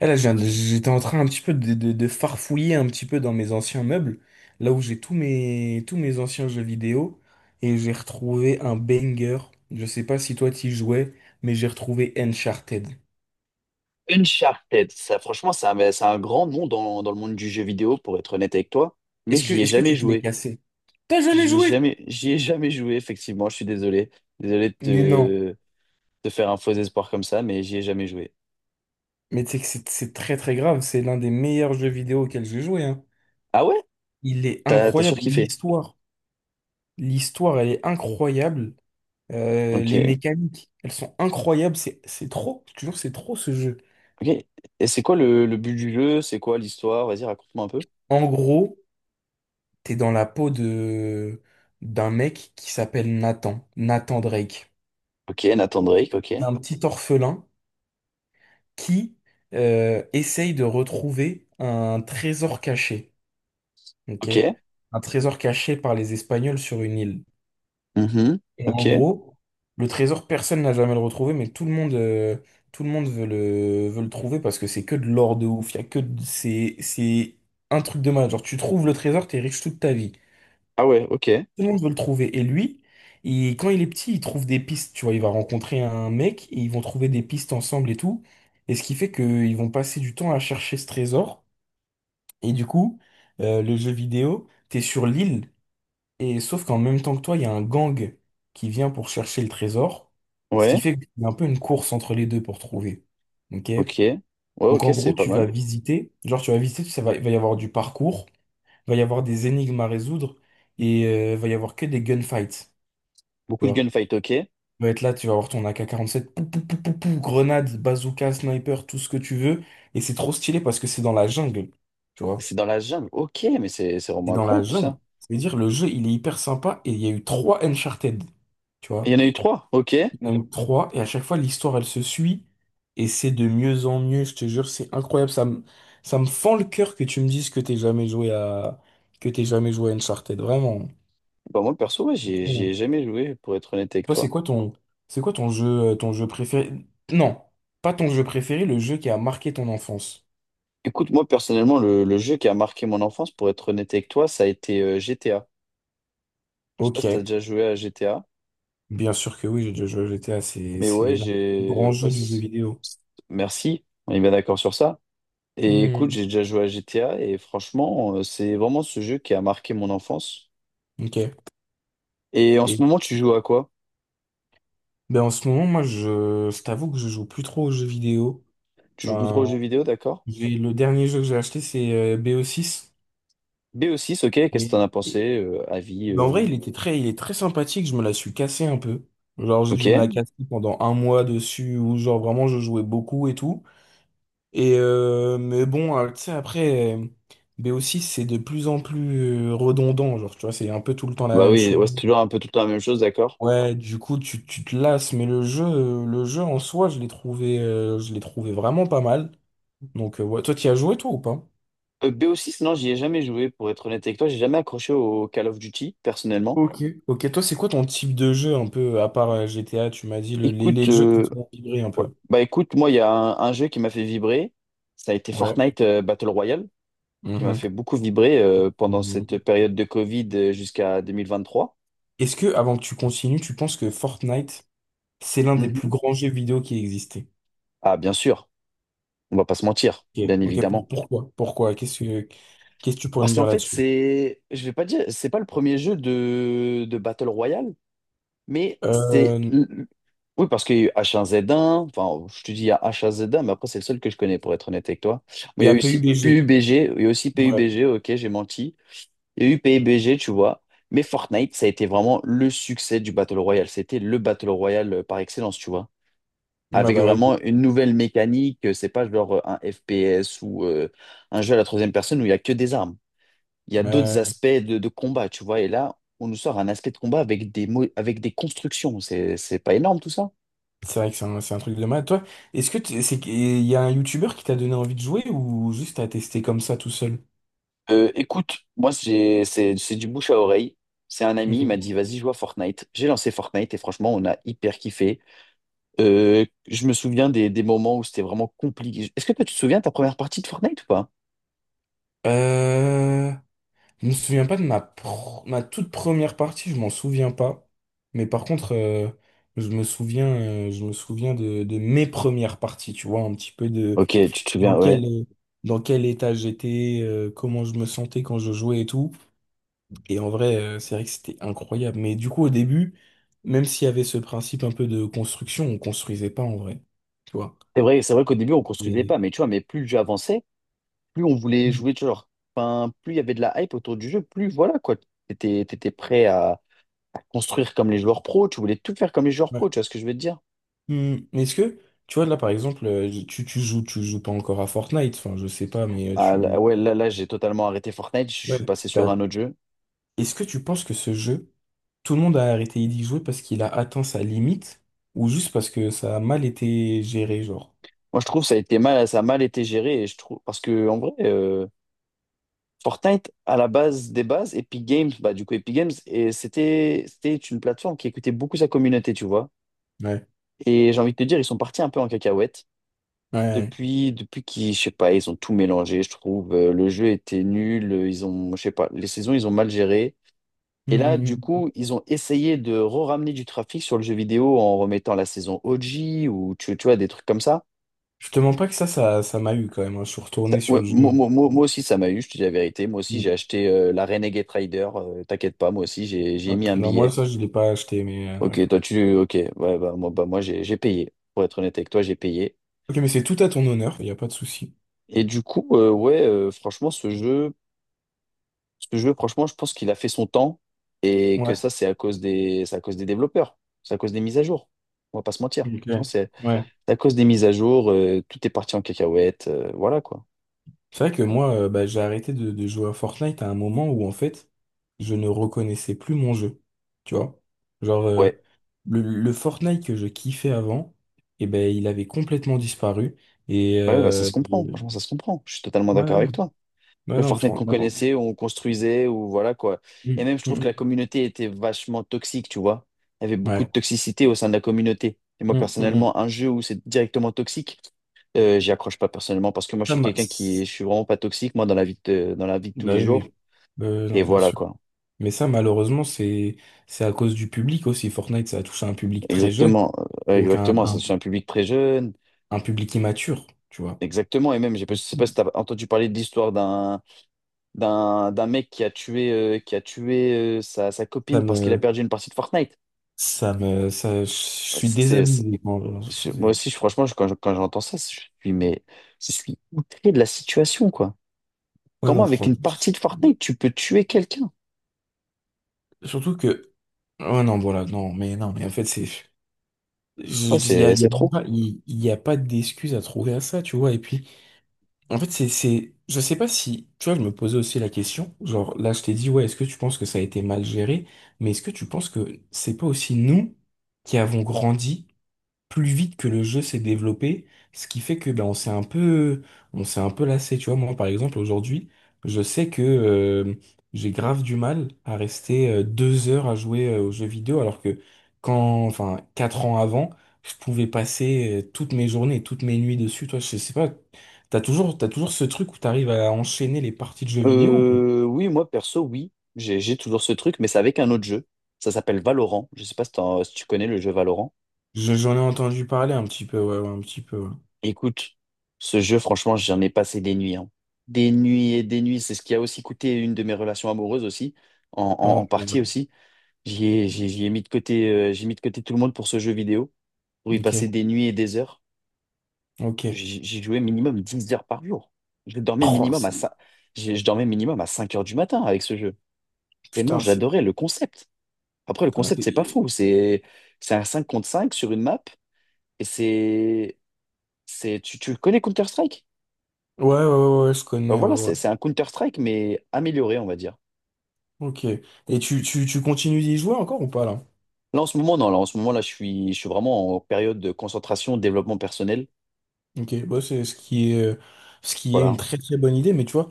Là, j'étais en train un petit peu de farfouiller un petit peu dans mes anciens meubles, là où j'ai tous mes anciens jeux vidéo, et j'ai retrouvé un banger. Je sais pas si toi t'y jouais, mais j'ai retrouvé Uncharted. Uncharted, ça, franchement, c'est un grand nom dans le monde du jeu vidéo, pour être honnête avec toi, mais Est-ce que, j'y ai est-ce que jamais tu te l'es joué. cassé? T'as jamais joué? J'y ai jamais joué, effectivement, je suis désolé. Désolé de Mais non. Te faire un faux espoir comme ça, mais j'y ai jamais joué. Mais tu sais que c'est très très grave, c'est l'un des meilleurs jeux vidéo auxquels j'ai joué, hein. Ah ouais? Il est T'as incroyable, surkiffé. l'histoire. L'histoire, elle est incroyable. Euh, Ok, les mécaniques, elles sont incroyables. C'est trop, je te jure, c'est trop ce jeu. ok. Et c'est quoi le but du jeu? C'est quoi l'histoire? Vas-y, raconte-moi un peu. En gros, t'es dans la peau de d'un mec qui s'appelle Nathan Drake. Ok, Nathan Drake, ok. Un petit orphelin qui essaye de retrouver un trésor caché. Ok. Ok. Un trésor caché par les Espagnols sur une île. Mhm. Et Ok. en gros, le trésor, personne n'a jamais le retrouvé, mais tout le monde veut le trouver parce que c'est que de l'or de ouf. Il y a que de- c'est un truc de malade. Genre, tu trouves le trésor, t'es riche toute ta vie. Ah ouais, ok. Tout le monde veut le trouver. Et lui, quand il est petit, il trouve des pistes. Tu vois, il va rencontrer un mec et ils vont trouver des pistes ensemble et tout. Et ce qui fait qu'ils vont passer du temps à chercher ce trésor. Et du coup, le jeu vidéo, t'es sur l'île. Et sauf qu'en même temps que toi, il y a un gang qui vient pour chercher le trésor. Ce qui Ouais, fait qu'il y a un peu une course entre les deux pour trouver. OK? ok. Ouais, Donc ok, en c'est gros, pas tu vas mal. visiter. Genre, tu vas visiter, ça va, il va y avoir du parcours, il va y avoir des énigmes à résoudre et il va y avoir que des gunfights. Beaucoup Tu de vois. gunfight, ok. Tu vas être là, tu vas avoir ton AK-47, pou, pou, pou, pou, pou, grenade, bazooka, sniper, tout ce que tu veux. Et c'est trop stylé parce que c'est dans la jungle, tu vois. C'est dans la jungle. Ok, mais c'est Et vraiment dans la incroyable tout jungle, ça. ça veut dire le jeu, il est hyper sympa et il y a eu trois Uncharted, tu Il y en vois. a eu trois. Ok. Il y en a eu trois et à chaque fois, l'histoire, elle se suit et c'est de mieux en mieux, je te jure, c'est incroyable. Ça me fend le cœur que tu me dises que t'es jamais joué à Uncharted, vraiment. Bah, moi, perso, ouais, j'y ai jamais joué, pour être honnête avec Toi, c'est toi. quoi ton, c'est quoi ton jeu préféré? Non, pas ton jeu préféré, le jeu qui a marqué ton enfance. Écoute, moi, personnellement, le jeu qui a marqué mon enfance, pour être honnête avec toi, ça a été GTA. Je sais pas Ok, si t'as déjà joué à GTA, bien sûr que oui, j'ai déjà joué à GTA, c'est, mais ouais, c'est l'un des plus j'ai. grands Ouais, jeux du jeu vidéo. c'est- merci. On est bien d'accord sur ça. Et écoute, j'ai Hmm, déjà joué à GTA et franchement, c'est vraiment ce jeu qui a marqué mon enfance. ok. Et en ce Et moment, tu joues à quoi? ben, en ce moment, moi, je t'avoue que je joue plus trop aux jeux vidéo. Tu joues plus trop aux Enfin, jeux vidéo, d'accord? Le dernier jeu que j'ai acheté, c'est BO6. B6, ok, qu'est-ce que t'en Et, as et- pensé? euh, avis ben, en euh, vrai, il est très sympathique, je me la suis cassée un peu. Genre, j'ai Ok. dû me la casser pendant un mois dessus, où genre vraiment je jouais beaucoup et tout. Et mais bon, tu sais, après, BO6, c'est de plus en plus redondant, genre, tu vois, c'est un peu tout le temps la Bah même oui, chose. ouais, c'est toujours un peu tout le temps la même chose, d'accord. Ouais, du coup, tu te lasses, mais le jeu en soi, je l'ai trouvé vraiment pas mal. Donc, ouais, toi, tu as joué, toi, ou pas? B o 6 non, j'y ai jamais joué, pour être honnête avec toi, j'ai jamais accroché au Call of Duty, personnellement. Ok. Ok, toi, c'est quoi ton type de jeu, un peu, à part GTA, tu m'as dit, le- les, Écoute, les jeux qui te font vibrer un ouais. peu. Bah écoute, moi, il y a un jeu qui m'a fait vibrer, ça a été Ouais. Fortnite Battle Royale, qui m'a Mhm. fait beaucoup vibrer pendant cette Mhm. période de Covid jusqu'à 2023. Est-ce que, avant que tu continues, tu penses que Fortnite, c'est l'un des plus Mhm. grands jeux vidéo qui existait? Ah, bien sûr, on va pas se mentir, Ok, bien ok, évidemment. pourquoi? Pourquoi? Qu'est-ce que tu pourrais me Parce qu'en dire fait, là-dessus? c'est, je vais pas dire, c'est pas le premier jeu de Battle Royale. Mais c'est. Euh, Oui, parce qu'il y a eu H1Z1, enfin, je te dis il y a H1Z1, mais après, c'est le seul que je connais, pour être honnête avec toi. Mais Il il y y a a eu aussi PUBG. PUBG, il y a aussi Ouais. PUBG, ok, j'ai menti. Il y a eu PUBG, tu vois. Mais Fortnite, ça a été vraiment le succès du Battle Royale. C'était le Battle Royale par excellence, tu vois. Ouais, Avec bah oui. Oui. vraiment une nouvelle mécanique, c'est pas genre un FPS ou un jeu à la troisième personne où il y a que des armes. Il y a Euh, d'autres aspects de combat, tu vois. Et là, on nous sort un aspect de combat avec avec des constructions. C'est pas énorme tout ça? c'est vrai que c'est un truc de mal. Toi, est-ce que c'est qu'il y a un YouTuber qui t'a donné envie de jouer ou juste t'as testé comme ça tout seul? Écoute, moi, c'est du bouche à oreille. C'est un ami, il m'a Ok. dit, vas-y, joue à Fortnite. J'ai lancé Fortnite et franchement, on a hyper kiffé. Je me souviens des moments où c'était vraiment compliqué. Est-ce que toi, tu te souviens de ta première partie de Fortnite ou pas? Euh, je me souviens pas de ma toute première partie, je m'en souviens pas. Mais par contre, je me souviens de mes premières parties, tu vois, un petit peu de. Ok, tu te dans souviens, ouais. quel, dans quel état j'étais, comment je me sentais quand je jouais et tout. Et en vrai, c'est vrai que c'était incroyable. Mais du coup, au début, même s'il y avait ce principe un peu de construction, on construisait pas en vrai. Tu vois. C'est vrai qu'au début, on construisait pas, Et... mais tu vois, mais plus le jeu avançait, plus on voulait Mm. jouer, tu vois, genre, enfin, plus il y avait de la hype autour du jeu, plus voilà, quoi. T'étais prêt à construire comme les joueurs pros, tu voulais tout faire comme les joueurs Ouais. pros, tu vois ce que je veux te dire? Mm. Mais est-ce que, tu vois, là, par exemple, tu joues pas encore à Fortnite, enfin, je sais pas, mais euh, Ah, tu... ouais, là, là, j'ai totalement arrêté Fortnite, je Ouais. suis passé sur T'as- un autre jeu. Est-ce que tu penses que ce jeu, tout le monde a arrêté d'y jouer parce qu'il a atteint sa limite ou juste parce que ça a mal été géré, genre? Moi, je trouve que ça a été mal, ça a mal été géré, et je trouve, parce que, en vrai, Fortnite, à la base des bases, Epic Games, bah, du coup, Epic Games, et c'était une plateforme qui écoutait beaucoup sa communauté, tu vois. Ouais. Et j'ai envie de te dire, ils sont partis un peu en cacahuète. Ouais. Ouais. Depuis qu'ils, je sais pas, ils ont tout mélangé, je trouve. Le jeu était nul, ils ont, je sais pas, les saisons, ils ont mal géré. Mm, Et là, du mm, mm. coup, ils ont essayé de re-ramener du trafic sur le jeu vidéo en remettant la saison OG ou tu vois, des trucs comme ça. Je te mens pas que ça m'a eu quand même, hein. Je suis retourné sur Ouais, le jeu, moi, un petit peu. moi aussi, ça m'a eu, je te dis la vérité. Moi aussi, Mm. j'ai acheté la Renegade Rider. T'inquiète pas, moi aussi, j'ai mis Ok. un Non, moi, billet. ça, je l'ai pas acheté, mais, Ok, ouais. toi, tu. Ok, ouais, bah, moi j'ai payé. Pour être honnête avec toi, j'ai payé. Ok, mais c'est tout à ton honneur, il n'y a pas de souci. Et du coup, ouais, franchement, ce jeu, franchement, je pense qu'il a fait son temps et que Ouais, ça, c'est à cause des développeurs. C'est à cause des mises à jour. On va pas se mentir. ok. Franchement, Ouais. à cause des mises à jour, tout est parti en cacahuète, voilà quoi. C'est vrai que moi, bah, j'ai arrêté de jouer à Fortnite à un moment où, en fait, je ne reconnaissais plus mon jeu. Tu vois? Genre, Ouais, le Fortnite que je kiffais avant, eh ben, il avait complètement disparu. Et... ouais, bah, ça euh, se comprend, franchement, ça se comprend. Je suis totalement d'accord avec Ouais, toi. ouais, Le non, Fortnite qu'on franchement. connaissait, où on construisait, ou voilà quoi. Et Mm, même, je trouve mm, que la mm. communauté était vachement toxique, tu vois. Il y avait beaucoup de Ouais. toxicité au sein de la communauté. Et moi, Mm, mm, mm. personnellement, un jeu où c'est directement toxique, j'y accroche pas personnellement parce que moi, je Ça suis m'a... quelqu'un qui, je suis vraiment pas toxique, moi, dans la vie de tous Bah les oui, jours. oui. Et Non, bien voilà sûr. quoi. Mais ça, malheureusement, c'est à cause du public aussi. Fortnite, ça a touché un public très jeune, Exactement, donc un, exactement. un, Ça, c'est un public très jeune. un public immature, tu vois. Exactement, et même, j'ai pas- je sais pas si tu as entendu parler de l'histoire d'un mec qui a tué, sa Ça copine parce qu'il a me, perdu une partie de Fortnite. Je Ouais. suis désabusé. Moi aussi, franchement, quand j'entends ça, je suis, mais je suis outré de la situation, quoi. Ouais, Comment, non, avec une franchement. partie de Fortnite, tu peux tuer quelqu'un? Surtout que, ouais, non, voilà, non, mais non, mais en fait, Ouais, y c'est a trop. pas, il y a pas d'excuse à trouver à ça, tu vois. Et puis. En fait, je sais pas si, tu vois, je me posais aussi la question, genre, là, je t'ai dit, ouais, est-ce que tu penses que ça a été mal géré? Mais est-ce que tu penses que c'est pas aussi nous qui avons grandi plus vite que le jeu s'est développé, ce qui fait que ben, on s'est un peu lassé. Tu vois, moi, par exemple, aujourd'hui, je sais que j'ai grave du mal à rester 2 heures à jouer aux jeux vidéo, alors que enfin, 4 ans avant, je pouvais passer toutes mes journées, toutes mes nuits dessus. Toi, je sais pas, t'as toujours ce truc où t'arrives à enchaîner les parties de jeux vidéo ou pas? Oui, moi perso, oui, j'ai toujours ce truc, mais c'est avec un autre jeu. Ça s'appelle Valorant. Je sais pas si tu connais le jeu Valorant. J'en ai entendu parler un petit peu, ouais, ouais, un petit peu. Ouais. Écoute, ce jeu, franchement, j'en ai passé des nuits. Hein. Des nuits et des nuits. C'est ce qui a aussi coûté une de mes relations amoureuses aussi, en Oh, partie merde. aussi. J'y ai mis de côté, j'ai mis de côté tout le monde pour ce jeu vidéo, pour y passer Ok, des nuits et des heures. ok. J'y jouais minimum 10 heures par jour. Je dormais Oh, minimum à c'est. 5, je dormais minimum à 5 heures du matin avec ce jeu. Tellement Putain, c'est. j'adorais le concept. Après, le T'as concept, c'est pas fait- fou. C'est un 5 contre 5 sur une map. Et tu le connais Counter-Strike? Ouais, ouais, ouais, ouais, je Bah connais, ouais, voilà, c'est ouais. c'est un Counter-Strike, mais amélioré, on va dire. Ok. Et tu continues d'y jouer encore ou pas là? Là, en ce moment, non, là, en ce moment, là, je suis vraiment en période de concentration, développement personnel. Ok, bah, c'est ce qui est une Voilà, très très bonne idée, mais tu vois,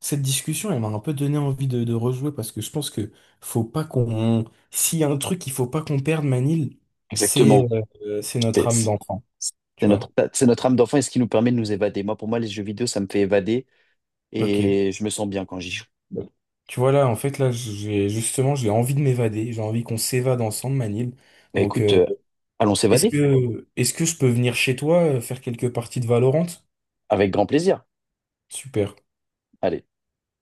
cette discussion, elle m'a un peu donné envie de rejouer parce que je pense que faut pas qu'on. S'il y a un truc qu'il faut pas qu'on perde, Manil, c'est exactement. c'est notre C'est âme c'est- d'enfant, c'est tu notre, vois. c'est notre âme d'enfant et ce qui nous permet de nous évader. Moi, pour moi, les jeux vidéo, ça me fait évader Ok. et je me sens bien quand j'y joue. Bon. Tu vois là, en fait, là, j'ai envie de m'évader, j'ai envie qu'on s'évade ensemble, Manil. Bah Donc, écoute, allons Est-ce s'évader que, est-ce que je peux venir chez toi faire quelques parties de Valorant? avec grand plaisir. Super. Allez.